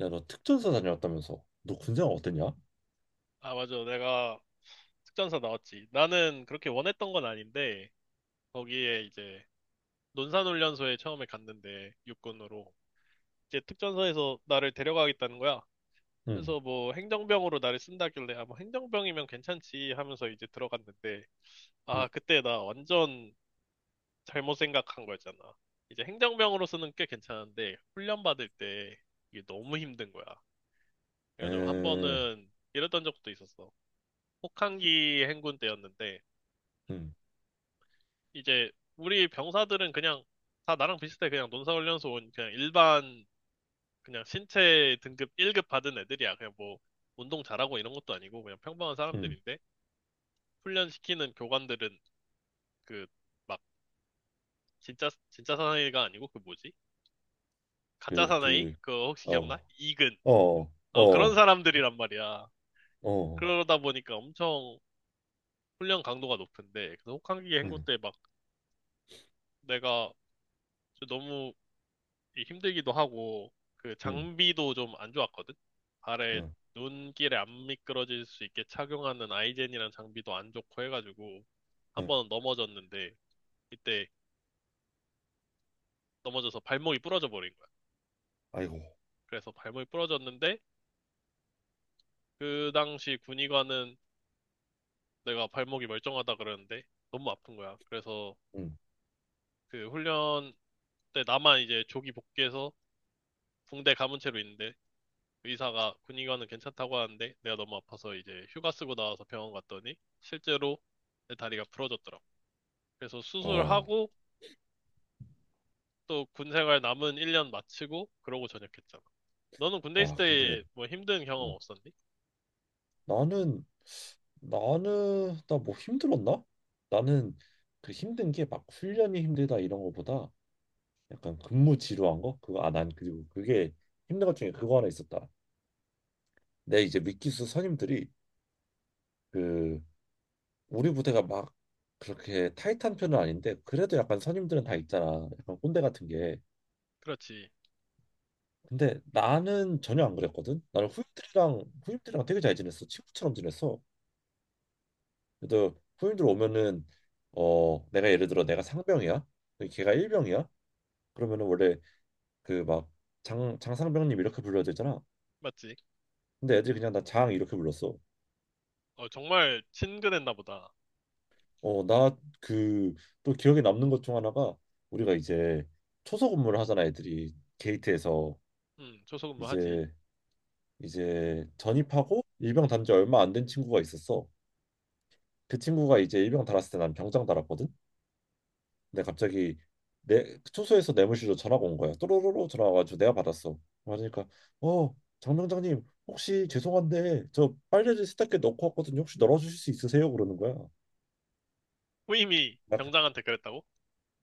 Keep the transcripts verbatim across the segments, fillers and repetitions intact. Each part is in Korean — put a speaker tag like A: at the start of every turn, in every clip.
A: 야, 너 특전사 다녀왔다면서? 너 군생활 어땠냐?
B: 아, 맞아. 내가 특전사 나왔지. 나는 그렇게 원했던 건 아닌데, 거기에 이제 논산훈련소에 처음에 갔는데, 육군으로. 이제 특전사에서 나를 데려가겠다는 거야.
A: 응.
B: 그래서 뭐 행정병으로 나를 쓴다길래, 아, 뭐 행정병이면 괜찮지 하면서 이제 들어갔는데,
A: 응.
B: 아, 그때 나 완전 잘못 생각한 거였잖아. 이제 행정병으로서는 꽤 괜찮은데, 훈련 받을 때 이게 너무 힘든 거야. 그래가지고 한
A: 에.
B: 번은 이랬던 적도 있었어. 혹한기 행군 때였는데,
A: 응.
B: 이제 우리 병사들은 그냥 다 나랑 비슷해. 그냥 논사훈련소 온 그냥 일반 그냥 신체 등급 일 급 받은 애들이야. 그냥 뭐 운동 잘하고 이런 것도 아니고 그냥 평범한
A: 응.
B: 사람들인데 훈련시키는 교관들은 그 막 진짜 진짜 사나이가 아니고 그 뭐지? 가짜
A: 그,
B: 사나이?
A: 그,
B: 그거 혹시 기억나?
A: 어,
B: 이근.
A: 어.
B: 어 그런
A: 어.
B: 사람들이란 말이야.
A: 어.
B: 그러다 보니까 엄청 훈련 강도가 높은데 그래서 혹한기 행구
A: 응.
B: 때 막 내가 저 너무 이 힘들기도 하고 그
A: 응.
B: 장비도 좀 안 좋았거든. 발에
A: 응.
B: 눈길에 안 미끄러질 수 있게 착용하는 아이젠이란 장비도 안 좋고 해가지고 한
A: 응.
B: 번 넘어졌는데 이때 넘어져서 발목이 부러져 버린 거야.
A: 아이고.
B: 그래서 발목이 부러졌는데 그 당시 군의관은 내가 발목이 멀쩡하다 그러는데 너무 아픈 거야. 그래서
A: 응.
B: 그 훈련 때 나만 이제 조기 복귀해서 붕대 감은 채로 있는데 의사가 군의관은 괜찮다고 하는데 내가 너무 아파서 이제 휴가 쓰고 나와서 병원 갔더니 실제로 내 다리가 부러졌더라고. 그래서
A: 와.
B: 수술하고 또 군 생활 남은 일 년 마치고 그러고 전역했잖아. 너는 군대 있을
A: 와, 근데,
B: 때 뭐 힘든 경험
A: 어,
B: 없었니?
A: 나는, 나는, 나 뭐 힘들었나? 나는 그 힘든 게 막 훈련이 힘들다 이런 거보다 약간 근무 지루한 거? 그거, 아, 난 그리고 그게 힘든 것 중에 그거 하나 있었다. 내 이제 미기수 선임들이 그 우리 부대가 막 그렇게 타이트한 편은 아닌데 그래도 약간 선임들은 다 있잖아. 약간 꼰대 같은 게.
B: 그렇지.
A: 근데 나는 전혀 안 그랬거든. 나는 후임들이랑 후임들이랑 되게 잘 지냈어. 친구처럼 지냈어. 그래도 후임들 오면은 어 내가 예를 들어 내가 상병이야. 근데 걔가 일병이야. 그러면은 원래 그 막 장 장상병님 이렇게 불러야 되잖아.
B: 맞지?
A: 근데 애들이 그냥 나 장 이렇게 불렀어.
B: 어, 정말 친근했나 보다.
A: 어 나 그 또 기억에 남는 것 중 하나가 우리가 이제 초소 근무를 하잖아, 애들이 게이트에서.
B: 음, 조소근무 하지.
A: 이제 이제 전입하고 일병 단지 얼마 안 된 친구가 있었어. 그 친구가 이제 일병 달았을 때 난 병장 달았거든. 근데 갑자기 내 초소에서 뇌물실로 전화가 온 거야. 또로로로 전화가 와가지고 내가 받았어. 그러니까 어, 장병장님 혹시 죄송한데 저 빨래를 세탁기에 넣고 왔거든요. 혹시 널어주실 수 있으세요? 그러는 거야.
B: 후임이
A: 나,
B: 병장한테 그랬다고?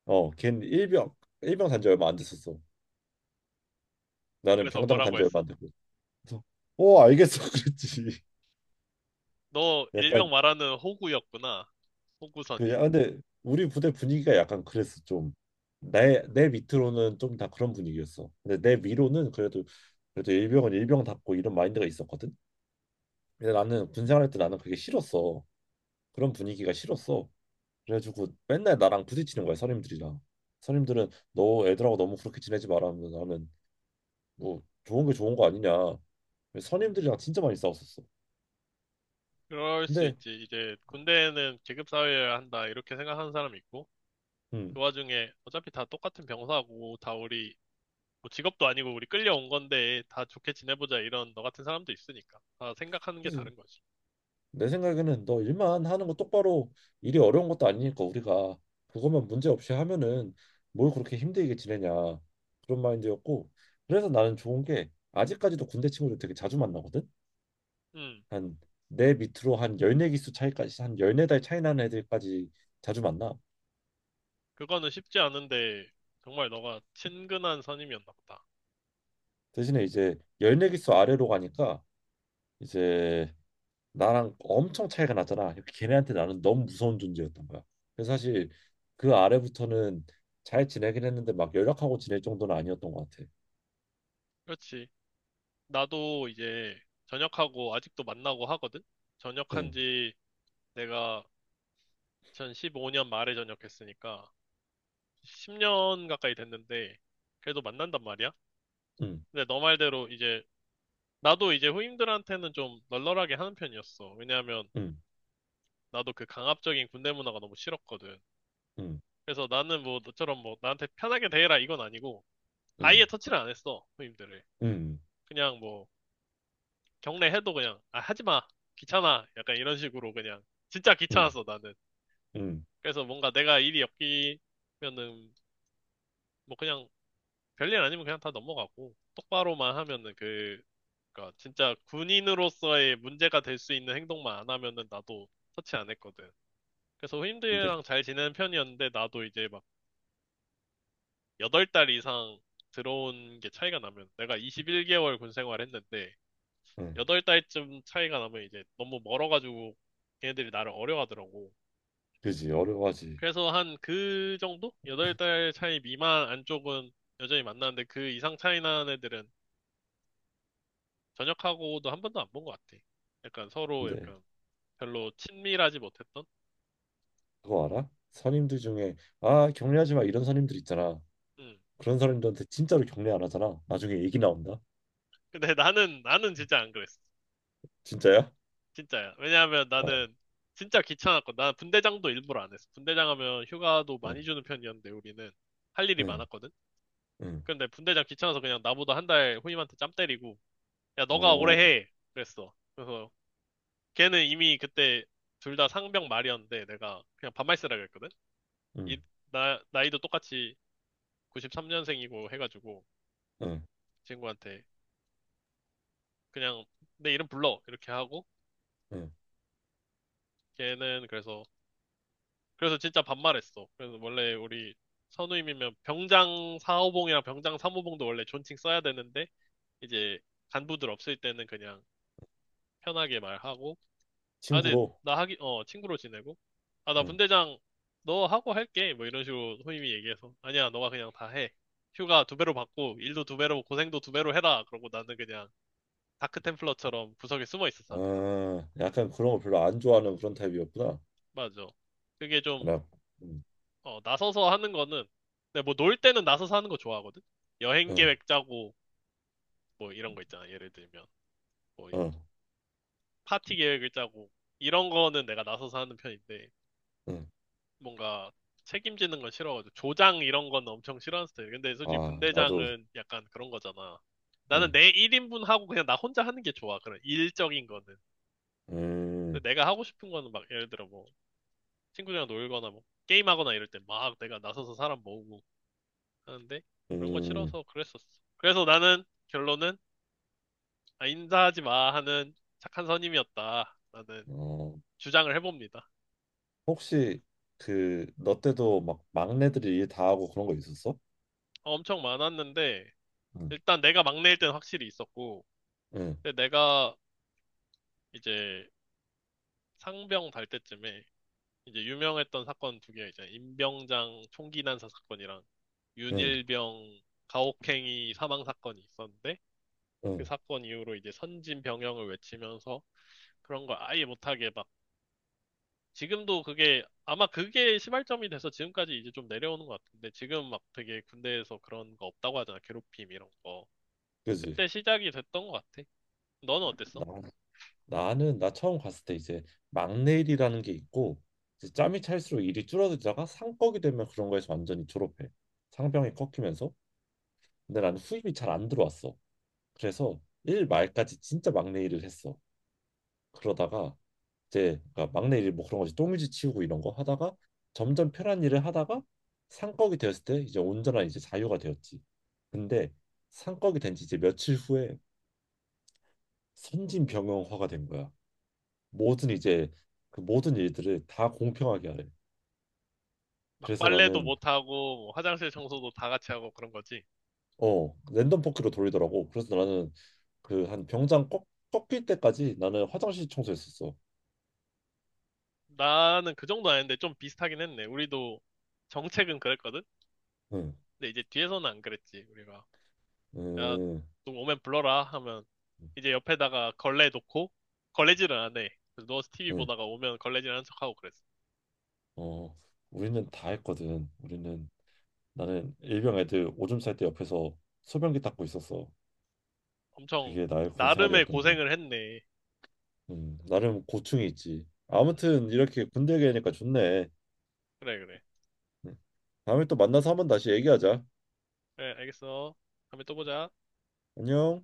A: 어, 걘 일병 일병 단지 얼마 안 됐었어. 나는
B: 그래서
A: 병장
B: 뭐라고
A: 단지 얼마
B: 했어?
A: 안 됐고. 그래서 어 알겠어 그랬지.
B: 너
A: 약간.
B: 일명 말하는 호구였구나.
A: 그
B: 호구선임.
A: 야, 근데 우리 부대 분위기가 약간 그랬어, 좀. 내 내 밑으로는 좀 다 그런 분위기였어. 근데 내 위로는 그래도, 그래도 일병은 일병답고 이런 마인드가 있었거든. 근데 나는 군 생활할 때 나는 그게 싫었어. 그런 분위기가 싫었어. 그래가지고 맨날 나랑 부딪히는 거야, 선임들이랑. 선임들은 너 애들하고 너무 그렇게 지내지 마라 하면 나는 뭐, 좋은 게 좋은 거 아니냐. 선임들이랑 진짜 많이 싸웠었어.
B: 그럴 수
A: 근데.
B: 있지. 이제 군대는 계급 사회여야 한다 이렇게 생각하는 사람이 있고 그
A: 음.
B: 와중에 어차피 다 똑같은 병사고 다 우리 뭐 직업도 아니고 우리 끌려온 건데 다 좋게 지내보자 이런 너 같은 사람도 있으니까 다 생각하는 게
A: 그래서
B: 다른 거지.
A: 내 생각에는 너 일만 하는 거 똑바로, 일이 어려운 것도 아니니까 우리가 그것만 문제 없이 하면은 뭘 그렇게 힘들게 지내냐, 그런 마인드였고. 그래서 나는 좋은 게 아직까지도 군대 친구들 되게 자주 만나거든.
B: 음,
A: 한, 내 밑으로 한 십사 기수 차이까지, 한 열네 달 차이 나는 애들까지 자주 만나.
B: 그거는 쉽지 않은데 정말 너가 친근한 선임이었나 보다.
A: 대신에 이제 십사 기수 아래로 가니까 이제 나랑 엄청 차이가 났잖아. 걔네한테 나는 너무 무서운 존재였던 거야. 그래서 사실 그 아래부터는 잘 지내긴 했는데 막 연락하고 지낼 정도는 아니었던 것 같아.
B: 그렇지. 나도 이제 전역하고 아직도 만나고 하거든. 전역한
A: 응.
B: 지 내가 이천십오 년 말에 전역했으니까 십 년 가까이 됐는데 그래도 만난단 말이야.
A: 응.
B: 근데 너 말대로 이제 나도 이제 후임들한테는 좀 널널하게 하는 편이었어. 왜냐하면
A: 응.
B: 나도 그 강압적인 군대 문화가 너무 싫었거든.
A: 응.
B: 그래서 나는 뭐 너처럼 뭐 나한테 편하게 대해라 이건 아니고
A: 응.
B: 아예 터치를 안 했어 후임들을.
A: 응.
B: 그냥 뭐 경례해도 그냥 아 하지 마 귀찮아 약간 이런 식으로 그냥 진짜
A: 응.
B: 귀찮았어 나는.
A: 응.
B: 그래서 뭔가 내가 일이 엮이면은 뭐 그냥 별일 아니면 그냥 다 넘어가고 똑바로만 하면은 그 그러니까 진짜 군인으로서의 문제가 될 수 있는 행동만 안 하면은 나도 터치 안 했거든. 그래서
A: 근데.
B: 후임들이랑 잘 지내는 편이었는데 나도 이제 막 여덟 달 이상 들어온 게 차이가 나면 내가 이십일 개월 군 생활 했는데
A: 응.
B: 여덟 달쯤 차이가 나면 이제 너무 멀어가지고 걔네들이 나를 어려워하더라고.
A: 그지, 어려워하지.
B: 그래서 한 그 정도? 여덟 달 차이 미만 안쪽은 여전히 만나는데 그 이상 차이 나는 애들은 전역하고도 한 번도 안 본 것 같아. 약간 서로
A: 근데
B: 약간 별로 친밀하지 못했던?
A: 그거 알아? 선임들 중에 아 격려하지 마 이런 선임들 있잖아.
B: 음.
A: 그런 사람들한테 진짜로 격려 안 하잖아. 나중에 얘기 나온다.
B: 근데 나는, 나는 진짜 안 그랬어.
A: 진짜야?
B: 진짜야. 왜냐하면
A: 어.
B: 나는 진짜 귀찮았고, 나는 분대장도 일부러 안 했어. 분대장 하면 휴가도
A: 응.
B: 많이 주는 편이었는데, 우리는 할 일이
A: 응.
B: 많았거든?
A: 응.
B: 근데 분대장 귀찮아서 그냥 나보다 한 달 후임한테 짬 때리고, 야, 너가 오래
A: 어.
B: 해. 그랬어. 그래서 걔는 이미 그때 둘 다 상병 말이었는데, 내가 그냥 반말 쓰라 그랬거든?
A: 응.
B: 이, 나, 나이도 똑같이 구십삼 년생이고 해가지고,
A: 응.
B: 친구한테 그냥 내 이름 불러. 이렇게 하고,
A: 응.
B: 걔는 그래서 그래서 진짜 반말했어. 그래서 원래 우리 선우임이면 병장 사호봉이랑 병장 삼호봉도 원래 존칭 써야 되는데 이제 간부들 없을 때는 그냥 편하게 말하고 아 근데
A: 친구로.
B: 나 하기 어 친구로 지내고 아 나
A: 응.
B: 분대장 너 하고 할게 뭐 이런 식으로 선임이 얘기해서 아니야 너가 그냥 다 해. 휴가 두 배로 받고 일도 두 배로 고생도 두 배로 해라. 그러고 나는 그냥 다크 템플러처럼 구석에 숨어 있었어 항상.
A: 아, 약간 그런 거 별로 안 좋아하는 그런 타입이었구나.
B: 맞아. 그게 좀
A: 나. 음.
B: 어, 나서서 하는 거는, 근데 뭐 놀 때는 나서서 하는 거 좋아하거든? 여행
A: 응.
B: 계획 짜고, 뭐 이런 거 있잖아. 예를 들면, 뭐
A: 응.
B: 파티 계획을 짜고, 이런 거는 내가 나서서 하는 편인데,
A: 응.
B: 뭔가 책임지는 건 싫어가지고, 조장 이런 건 엄청 싫어하는 스타일. 근데 솔직히
A: 아, 나도.
B: 분대장은 약간 그런 거잖아. 나는
A: 응.
B: 내 일 인분 하고 그냥 나 혼자 하는 게 좋아. 그런 일적인 거는.
A: 음.
B: 근데 내가 하고 싶은 거는 막 예를 들어 뭐 친구들이랑 놀거나 뭐 게임하거나 이럴 때 막 내가 나서서 사람 모으고 하는데 그런 거
A: 음.
B: 싫어서 그랬었어. 그래서 나는 결론은 아, 인사하지 마 하는 착한 선임이었다. 라는
A: 어,
B: 주장을 해봅니다.
A: 혹시 그 너 때도 막 막내들이 일 다 하고 그런 거 있었어?
B: 어, 엄청 많았는데
A: 응.
B: 일단 내가 막내일 땐 확실히 있었고
A: 응.
B: 근데 내가 이제 상병 달 때쯤에 이제 유명했던 사건 두 개 있잖아. 임병장 총기 난사 사건이랑
A: 응.
B: 윤일병 가혹행위 사망 사건이 있었는데 그
A: 응.
B: 사건 이후로 이제 선진 병영을 외치면서 그런 걸 아예 못하게 막 지금도 그게 아마 그게 시발점이 돼서 지금까지 이제 좀 내려오는 것 같은데 지금 막 되게 군대에서 그런 거 없다고 하잖아 괴롭힘 이런 거
A: 그지.
B: 그때 시작이 됐던 것 같아 너는 어땠어?
A: 나, 나는 나 처음 갔을 때 이제 막내 일이라는 게 있고, 이제 짬이 찰수록 일이 줄어들다가 상꺽이 되면 그런 거에서 완전히 졸업해. 상병이 꺾이면서. 근데 나는 후임이 잘 안 들어왔어. 그래서 일 말까지 진짜 막내 일을 했어. 그러다가 이제, 그러니까 막내 일 뭐 그런 거지. 똥유지 치우고 이런 거 하다가 점점 편한 일을 하다가 상꺽이 되었을 때 이제 온전한 이제 자유가 되었지. 근데 상꺽이 된 지 이제 며칠 후에 선진병영화가 된 거야. 모든 이제 그 모든 일들을 다 공평하게 하래.
B: 막
A: 그래서
B: 빨래도
A: 나는
B: 못하고 뭐 화장실 청소도 다 같이 하고 그런 거지
A: 어 랜덤 포크로 돌리더라고. 그래서 나는 그 한 병장 꺾, 꺾일 때까지 나는 화장실 청소했었어.
B: 나는 그 정도 아닌데 좀 비슷하긴 했네 우리도 정책은 그랬거든
A: 응.
B: 근데 이제 뒤에서는 안 그랬지 우리가 야
A: 응.
B: 좀 오면 불러라 하면
A: 응.
B: 이제 옆에다가 걸레 놓고 걸레질을 안해 그래서 누워서 티비
A: 응.
B: 보다가 오면 걸레질 하는 척하고 그랬어
A: 어, 우리는 다 했거든. 우리는, 나는 일병 애들 오줌 쌀 때 옆에서 소변기 닦고 있었어.
B: 엄청
A: 그게 나의 군
B: 나름의
A: 생활이었단다.
B: 고생을 했네.
A: 음, 나름 고충이 있지.
B: 음,
A: 아무튼 이렇게 군대 얘기하니까 좋네.
B: 그래, 그래.
A: 음, 다음에 또 만나서 한번 다시 얘기하자.
B: 그래, 알겠어. 다음에 또 보자.
A: 안녕.